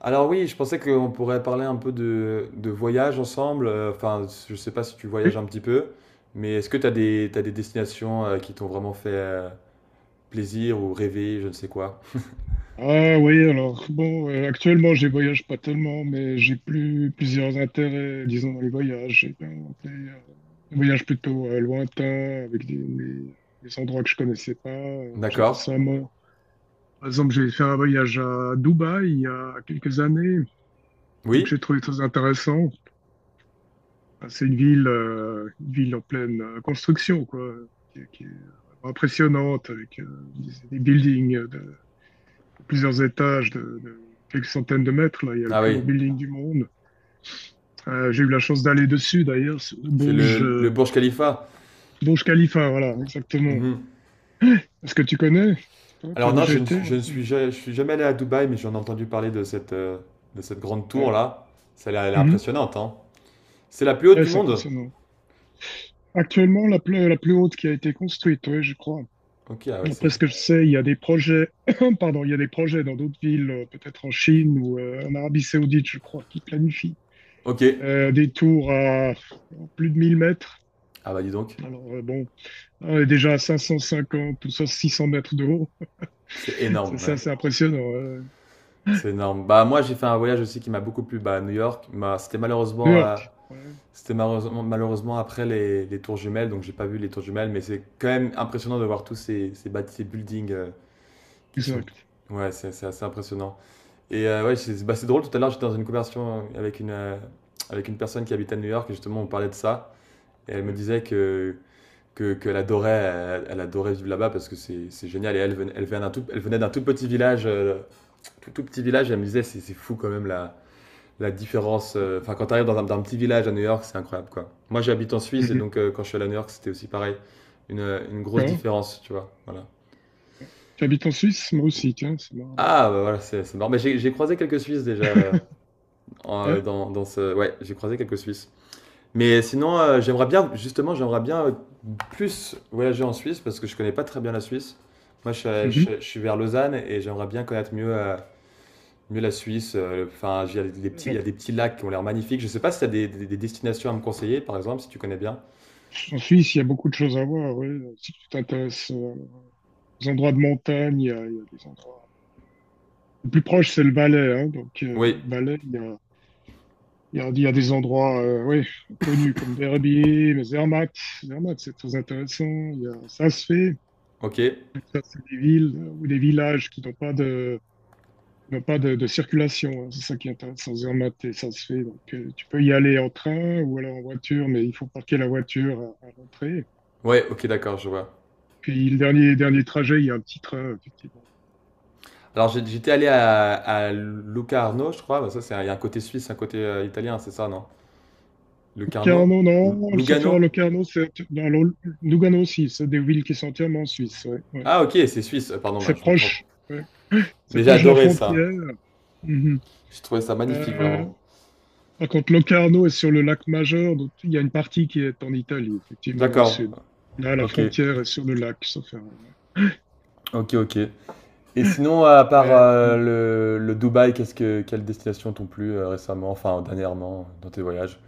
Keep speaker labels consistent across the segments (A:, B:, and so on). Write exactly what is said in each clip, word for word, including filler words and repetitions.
A: Alors oui, je pensais qu'on pourrait parler un peu de, de voyage ensemble. Euh, Enfin, je sais pas si tu
B: Oui.
A: voyages un petit peu, mais est-ce que tu as des, t'as des destinations euh, qui t'ont vraiment fait euh, plaisir ou rêver, je ne sais quoi.
B: Ah oui, alors bon, euh, actuellement je voyage pas tellement, mais j'ai plus plusieurs intérêts, disons, dans les voyages. J'ai bien monté, euh, des voyages plutôt euh, lointains, avec des, des- des endroits que je connaissais pas. Euh, J'ai
A: D'accord.
B: récemment, par exemple, j'ai fait un voyage à Dubaï il y a quelques années, que
A: Oui?
B: j'ai trouvé très intéressant. Ah, c'est une ville, euh, une ville en pleine euh, construction, quoi, qui, est qui est vraiment impressionnante, avec euh, des, des buildings. Plusieurs étages de, de quelques centaines de mètres. Là, il y a le
A: Ah
B: plus
A: oui,
B: haut building du monde. Euh, j'ai eu la chance d'aller dessus, d'ailleurs, sur le
A: c'est
B: Burj,
A: le, le
B: euh,
A: Burj Khalifa.
B: Burj Khalifa, voilà, exactement.
A: Mhm.
B: Est-ce que tu connais? Toi, tu
A: Alors
B: as
A: non,
B: déjà
A: je ne,
B: été?
A: je
B: hein,
A: ne
B: c'est-
A: suis, ja- je suis jamais allé à Dubaï, mais j'en ai entendu parler de cette, euh, de cette grande
B: Ouais,
A: tour-là. Celle elle est
B: mhm.
A: impressionnante, hein. C'est la plus haute
B: Ouais,
A: du
B: c'est
A: monde?
B: impressionnant. Actuellement, la plus, la plus haute qui a été construite, oui, je crois.
A: Ok, ah ouais,
B: Après
A: c'est...
B: ce que je sais, il y a des projets, pardon, il y a des projets dans d'autres villes, euh, peut-être en Chine ou euh, en Arabie Saoudite, je crois, qui planifient
A: Ok.
B: euh, des tours à plus de mille mètres.
A: Ah bah dis donc,
B: Alors, euh, bon, on est déjà à cinq cent cinquante ou six cents mètres de haut.
A: c'est
B: Ça,
A: énorme,
B: c'est
A: hein.
B: assez impressionnant. Ouais.
A: C'est énorme. Bah, moi, j'ai fait un voyage aussi qui m'a beaucoup plu bah, à New York. Bah, c'était
B: New
A: malheureusement, euh,
B: York. Ouais,
A: c'était malheureusement, malheureusement après les, les tours jumelles, donc j'ai pas vu les tours jumelles, mais c'est quand même impressionnant de voir tous ces, ces, bâti- ces buildings euh, qui sont.
B: exact.
A: Ouais, c'est c'est assez impressionnant. Et euh, ouais, c'est bah, c'est drôle, tout à l'heure, j'étais dans une conversation avec une, euh, avec une personne qui habite à New York, et justement, on parlait de ça, et elle me
B: Ouais.
A: disait que. Que, qu'elle adorait, elle, elle adorait vivre là-bas parce que c'est c'est génial. Et elle, venait- elle venait d'un tout, elle venait d'un tout petit village, euh, tout, tout petit village, et elle me disait c'est c'est fou quand même là la différence. euh, Enfin, quand tu arrives dans un, dans un petit village à New York, c'est incroyable, quoi. Moi, j'habite en Suisse et
B: Mhm.
A: donc euh, quand je suis allé à New York, c'était aussi pareil. Une, euh, une grosse
B: D'accord.
A: différence, tu vois. Voilà.
B: Tu habites en Suisse? Moi aussi, tiens, c'est marrant.
A: Ah, bah voilà, c'est c'est marrant. Mais j'ai j'ai croisé quelques Suisses déjà euh, en-
B: Ouais.
A: dans, dans ce. Ouais, j'ai croisé quelques Suisses. Mais sinon, euh, j'aimerais bien, justement, j'aimerais bien euh, plus voyager en Suisse parce que je connais pas très bien la Suisse. Moi, je,
B: Mhm.
A: suis- je- Je suis vers Lausanne et j'aimerais bien connaître mieux euh, Mieux la Suisse, heu, enfin, il y a des petits il
B: Alors,
A: y a des petits lacs qui ont l'air magnifiques. Je sais pas si tu as des des des destinations à me conseiller, par exemple, si tu connais bien?
B: en Suisse, il y a beaucoup de choses à voir. Ouais. Si tu t'intéresses euh, aux endroits de montagne, il y a, il y a des endroits. Le plus proche, c'est le Valais. Hein. Donc, euh,
A: Oui,
B: Valais, il y a, il y a, il y a des endroits euh, ouais, connus comme Verbier, mais Zermatt. Zermatt, c'est très intéressant. Il y a Sasfee.
A: OK.
B: Ça, c'est des villes euh, ou des villages qui n'ont pas de, qui n'ont pas de, de circulation. Hein. C'est ça qui est intéressant. Zermatt, et ça se fait. Donc, euh, tu peux y aller en train ou alors en voiture, mais il faut parquer la voiture à, à l'entrée.
A: Ouais, OK, d'accord, je vois.
B: Puis le dernier, dernier trajet, il y a un petit train, effectivement.
A: Alors j'ai j'étais allé à à Locarno, je crois, bah, ça, c'est un- il y a un côté suisse, un côté, heu, italien, c'est ça, non? Locarno?
B: Locarno,
A: Ou
B: non,
A: Lugano?
B: le à Locarno, c'est dans l'Ol- Lugano aussi. C'est des villes qui sont entièrement en Suisse. Ouais, ouais.
A: Ah OK, c'est suisse, heu, pardon,
B: C'est
A: mince, je me trompe.
B: proche. Ouais. C'est
A: Mais j'ai
B: proche de la
A: adoré ça.
B: frontière. Mhm.
A: J'ai trouvé ça magnifique,
B: Euh,
A: vraiment.
B: par contre, Locarno est sur le lac Majeur, donc il y a une partie qui est en Italie, effectivement, dans le
A: D'accord.
B: sud. Là, la
A: OK.
B: frontière est sur le lac, sauf erreur.
A: OK, OK. Et sinon, à part
B: Euh,
A: euh, le, le Dubaï, qu'est-ce que, quelles destinations t'ont plu euh, récemment, enfin dernièrement, dans tes voyages?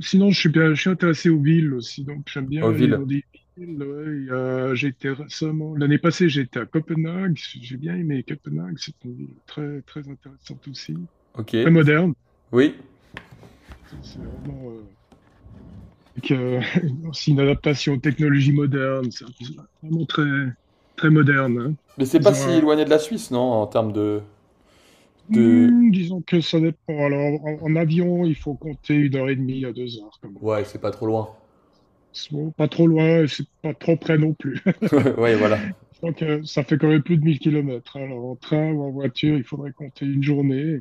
B: sinon, je suis bien, je suis intéressé aux villes aussi, donc j'aime
A: Oh,
B: bien aller dans
A: ville,
B: des villes. Ouais. Il y a- j'étais récemment, l'année passée, j'étais à Copenhague. J'ai bien aimé Copenhague. C'est une ville très, très intéressante aussi,
A: ok,
B: très moderne.
A: oui.
B: C'est c'est vraiment euh, avec, euh, aussi une adaptation aux technologies modernes. C'est vraiment très, très moderne. Hein.
A: Mais c'est pas
B: Ils
A: si
B: ont
A: éloigné de la Suisse, non, en termes de, de...
B: Hmm, disons que ça dépend. Alors, en, en avion, il faut compter une heure et demie à deux heures, quand même.
A: Ouais, c'est pas trop loin.
B: C'est bon, pas trop loin, et c'est pas trop près non plus.
A: Ouais, voilà.
B: Donc, euh, ça fait quand même plus de mille kilomètres. Alors, en train ou en voiture, il faudrait compter une journée.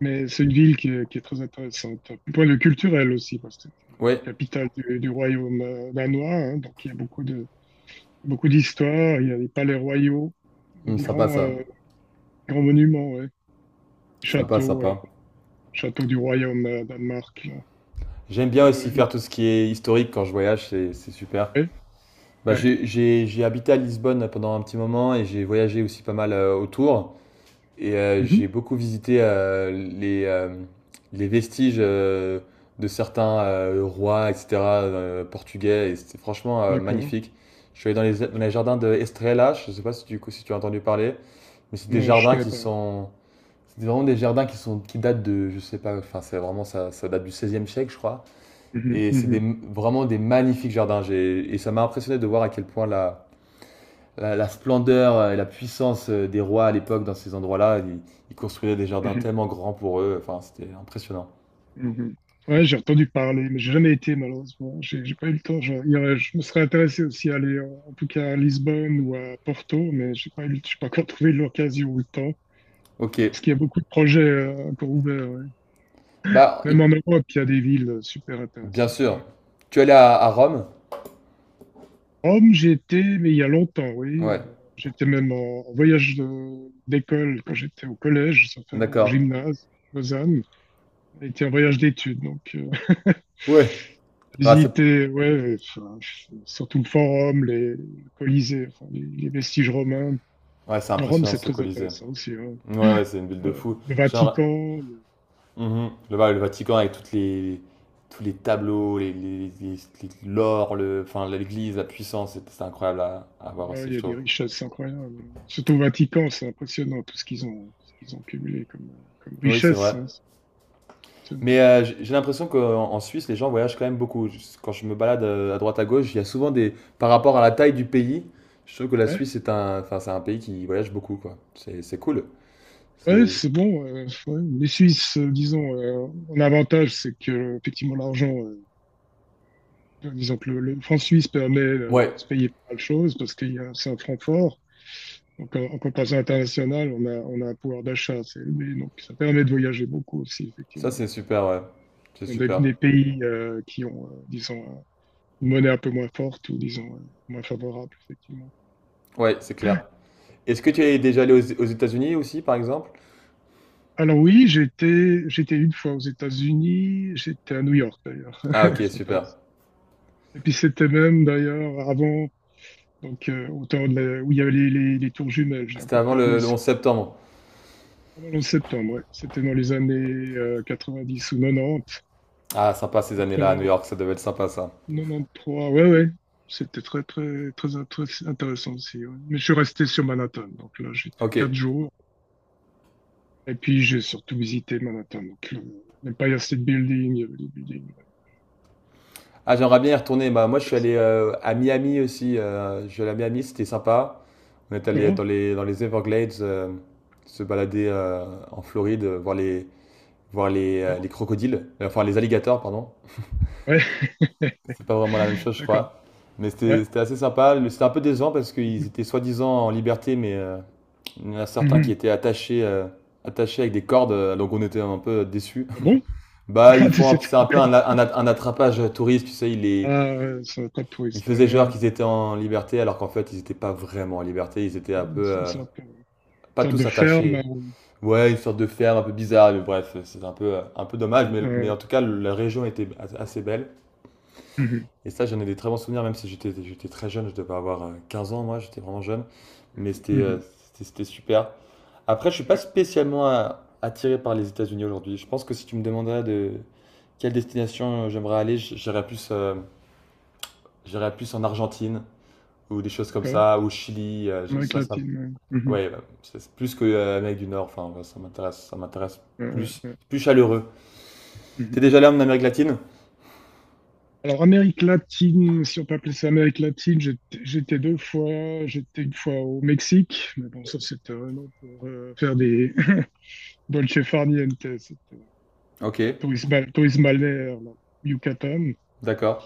B: Mais c'est une ville qui est, qui est très intéressante. Du point de vue culturel aussi, parce que c'est la
A: Ouais,
B: capitale du, du royaume euh, danois. Hein. Donc, il y a beaucoup de, beaucoup d'histoires. Il y a des palais royaux, il y a
A: Hmm,
B: des
A: sympa
B: grands,
A: ça.
B: euh, grands monuments, ouais.
A: Sympa,
B: Châteaux, euh,
A: sympa.
B: châteaux du royaume euh, Danemark. Là.
A: J'aime bien aussi
B: Le-
A: faire tout ce qui est historique quand je voyage, c'est c'est super.
B: Oui,
A: Bah,
B: ouais.
A: j'ai j'ai- j'ai habité à Lisbonne pendant un petit moment et j'ai voyagé aussi pas mal euh, autour. Et euh,
B: Mhm.
A: j'ai beaucoup visité euh, les, euh, les vestiges euh, de certains euh, rois, et cetera, euh, portugais. Et c'était franchement euh,
B: D'accord.
A: magnifique. Je suis allé dans les, dans les jardins de Estrela, je ne sais pas si tu, si tu as entendu parler, mais c'est des
B: Non, je
A: jardins
B: connais
A: qui
B: pas.
A: sont. C'est vraiment des jardins qui, sont, qui datent de, je sais pas, enfin c'est vraiment ça, ça date du seizième siècle je crois.
B: Mhm,
A: Et c'est des,
B: mhm,
A: vraiment des magnifiques jardins. J'ai- Et ça m'a impressionné de voir à quel point la, la, la splendeur euh, et la puissance euh, des rois à l'époque dans ces endroits-là. Ils, ils construisaient des jardins
B: mhm,
A: tellement grands pour eux. Enfin, c'était impressionnant.
B: mhm. Ouais, j'ai entendu parler, mais j'ai jamais été malheureusement. J'ai j'ai pas eu le temps. Je, il y aurait- je me serais intéressé aussi à aller, euh, en tout cas à Lisbonne ou à Porto, mais j'ai pas eu, le- j'ai pas encore trouvé l'occasion ou le temps.
A: Ok.
B: Parce qu'il y a beaucoup de projets euh, encore ouverts. Ouais.
A: Bah, et-
B: Même en Europe, il y a des villes euh, super
A: bien
B: intéressantes.
A: sûr.
B: Hein.
A: Tu es allé à, à Rome?
B: Rome, j'ai été, mais il y a longtemps, oui.
A: Ouais.
B: Euh, j'étais même en, en voyage de- d'école quand j'étais au collège, ça fait, au
A: D'accord.
B: gymnase, Lausanne. Était un voyage d'études, donc euh,
A: Ouais. Ouais, c'est
B: visiter, ouais, enfin, surtout le forum, les, le Colisée, enfin, les, les vestiges romains.
A: ouais, c'est
B: Rome,
A: impressionnant
B: c'est
A: ce
B: très
A: Colisée.
B: intéressant aussi. Hein.
A: Ouais, ouais, c'est une ville de
B: Euh,
A: fou.
B: le
A: Genre,
B: Vatican, il y
A: mhm, le, le Vatican avec toutes les, tous les tableaux, les, les, les- les- l'or, le, enfin, l'église, la puissance, c'est c'est incroyable à, à
B: a
A: voir
B: ouais,
A: aussi,
B: il y
A: je
B: a des
A: trouve.
B: richesses incroyables. Surtout au Vatican, c'est impressionnant tout ce qu'ils ont, ce qu'ils ont cumulé comme, euh, comme
A: Oui, c'est vrai.
B: richesse. Hein, c'est
A: Mais
B: impressionnant.
A: euh, j'ai j'ai l'impression qu'en en Suisse, les gens voyagent quand même beaucoup. Je- Quand je me balade euh, à droite à gauche, il y a souvent des. Par rapport à la taille du pays, je trouve que la
B: Ouais,
A: Suisse est un, enfin, c'est un pays qui voyage beaucoup, quoi. C'est, c'est cool.
B: ouais,
A: C'est.
B: c'est bon. euh, ouais. Les Suisses, euh, disons, euh, un avantage, c'est que euh, effectivement l'argent, euh, disons que le, le franc suisse permet euh,
A: Ouais,
B: de se payer pas mal de choses parce qu'il y a c'est un franc fort. Donc, euh, en comparaison internationale, on a, on a un pouvoir d'achat, c'est- mais donc ça permet de voyager beaucoup aussi,
A: ça
B: effectivement.
A: c'est super, ouais. C'est
B: Dans des,
A: super.
B: des pays euh, qui ont, euh, disons, euh, une monnaie un peu moins forte ou, disons, euh, moins favorable, effectivement.
A: Ouais, c'est clair. Est-ce que tu es déjà allé aux, aux États-Unis aussi, par exemple?
B: Alors oui, j'étais j'étais une fois aux États-Unis, j'étais à New York d'ailleurs,
A: Ah, ok,
B: ça
A: super.
B: passe. Et puis c'était même d'ailleurs avant, donc euh, au temps de la- où il y avait les, les, les tours jumelles, j'ai
A: C'était
B: encore
A: avant
B: pu aller
A: le, le onze
B: sur-
A: septembre.
B: Pendant le septembre, ouais. C'était dans les années euh, dix ou
A: Ah, sympa ces années-là à New
B: quatre-vingt-dix.
A: York, ça devait être sympa ça.
B: quatre-vingt-treize, ouais, ouais. C'était très, très, très, très intéressant aussi. Ouais. Mais je suis resté sur Manhattan. Donc là, j'étais
A: Ok.
B: quatre jours. Et puis, j'ai surtout visité Manhattan. Donc, le- l'Empire State Building, il y avait les buildings. Le
A: Ah, j'aimerais bien y retourner. Bah, moi, je suis
B: Trade
A: allé
B: Center.
A: euh, à Miami aussi. Euh, je suis allé à Miami, c'était sympa. On est allé
B: D'accord.
A: dans les, dans les Everglades, euh, se balader euh, en Floride, euh, voir les, voir les, euh,
B: Ah,
A: les crocodiles, euh, enfin les alligators, pardon.
B: ouais.
A: C'est pas vraiment la même chose, je
B: D'accord.
A: crois. Mais
B: Ouais.
A: c'était c'était assez sympa. Le- C'était un peu décevant parce qu'ils
B: Mhm.
A: étaient soi-disant en liberté, mais euh, il y en a certains qui
B: Mhm.
A: étaient attachés, euh, attachés avec des cordes, euh, donc on était un peu déçus.
B: Ah bon?
A: Bah, ils
B: Ah, tu
A: font,
B: sais,
A: un-
B: t'es
A: c'est un peu un,
B: encore.
A: a- un a- un attrapage touriste, tu sais, ils les,
B: Ah, ouais, ça va pas de
A: Ils
B: touriste. Ouais,
A: faisaient genre
B: ouais.
A: qu'ils étaient en liberté, alors qu'en fait, ils n'étaient pas vraiment en liberté. Ils étaient un peu,
B: C'est Une
A: euh,
B: sorte, euh, une
A: pas
B: sorte de
A: tous
B: ferme.
A: attachés.
B: euh,
A: Ouais, une sorte de ferme un peu bizarre, mais bref, c'est un peu, euh, un peu dommage. Mais, mais en
B: ouais.
A: tout cas, la région était a- assez belle.
B: Mhm.
A: Et ça, j'en ai des très bons souvenirs, même si j'étais, j'étais très jeune. Je devais avoir euh, quinze ans, moi, j'étais vraiment jeune. Mais c'était, euh,
B: Mhm.
A: c'était, c'était super. Après, je suis pas
B: Ouais.
A: spécialement euh, attiré par les États-Unis aujourd'hui. Je pense que si tu me demanderais de quelle destination euh, j'aimerais aller, j- j'irais plus, euh, j'irais plus en Argentine ou des choses comme
B: D'accord.
A: ça, au Chili, euh, je-
B: Amérique
A: ça, ça,
B: latine. Ouais. Mhm.
A: ouais, bah, c'est plus que euh, Amérique du Nord, enfin, ouais, ça m'intéresse, ça m'intéresse
B: Ouais,
A: plus,
B: ouais.
A: plus chaleureux. T'es
B: Mhm.
A: déjà allé en Amérique latine?
B: Alors, Amérique latine, si on peut appeler ça Amérique latine, j'étais j'étais deux fois, j'étais une fois au Mexique, mais bon, ça c'était vraiment pour euh, faire des dolce far niente, c'était
A: Ok,
B: tourisme, bal- tourisme balnéaire, là, au Yucatan.
A: d'accord,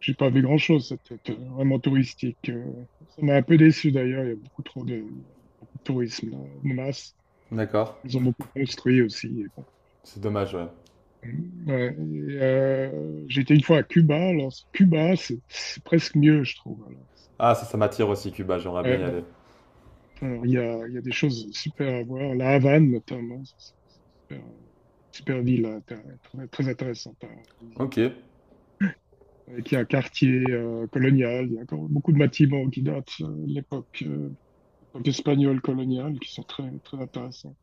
B: J'ai pas vu grand-chose, c'était euh, vraiment touristique. euh. Ça m'a un peu déçu d'ailleurs, il y a beaucoup trop de tourisme là, de masse.
A: d'accord.
B: Ils ont beaucoup construit aussi. Et bon.
A: C'est dommage, ouais.
B: Ouais, et, euh, j'étais une fois à Cuba, alors Cuba, c'est c'est presque mieux, je trouve. Alors.
A: Ah, ça, ça m'attire aussi, Cuba, j'aimerais bien y aller.
B: c'est- Alors, il y a, il y a des choses super à voir. La Havane, notamment, c'est une super, super ville, hein, très, très- très intéressante à
A: Ok.
B: visiter. Avec il a un quartier euh, colonial, il y a encore beaucoup de bâtiments qui datent euh, de l'époque euh, l'époque espagnole coloniale, qui sont très, très intéressants.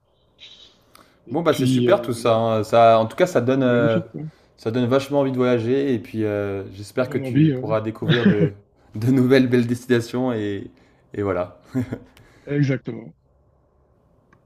B: Et
A: Bon, bah, c'est
B: puis,
A: super
B: euh,
A: tout ça, hein. Ça, en tout cas, ça donne, euh,
B: magnifique, quoi.
A: ça donne vachement envie de voyager, et puis euh,
B: Ça
A: j'espère que
B: donne
A: tu
B: envie, ouais.
A: pourras découvrir de, de nouvelles belles destinations, et, et voilà.
B: Exactement.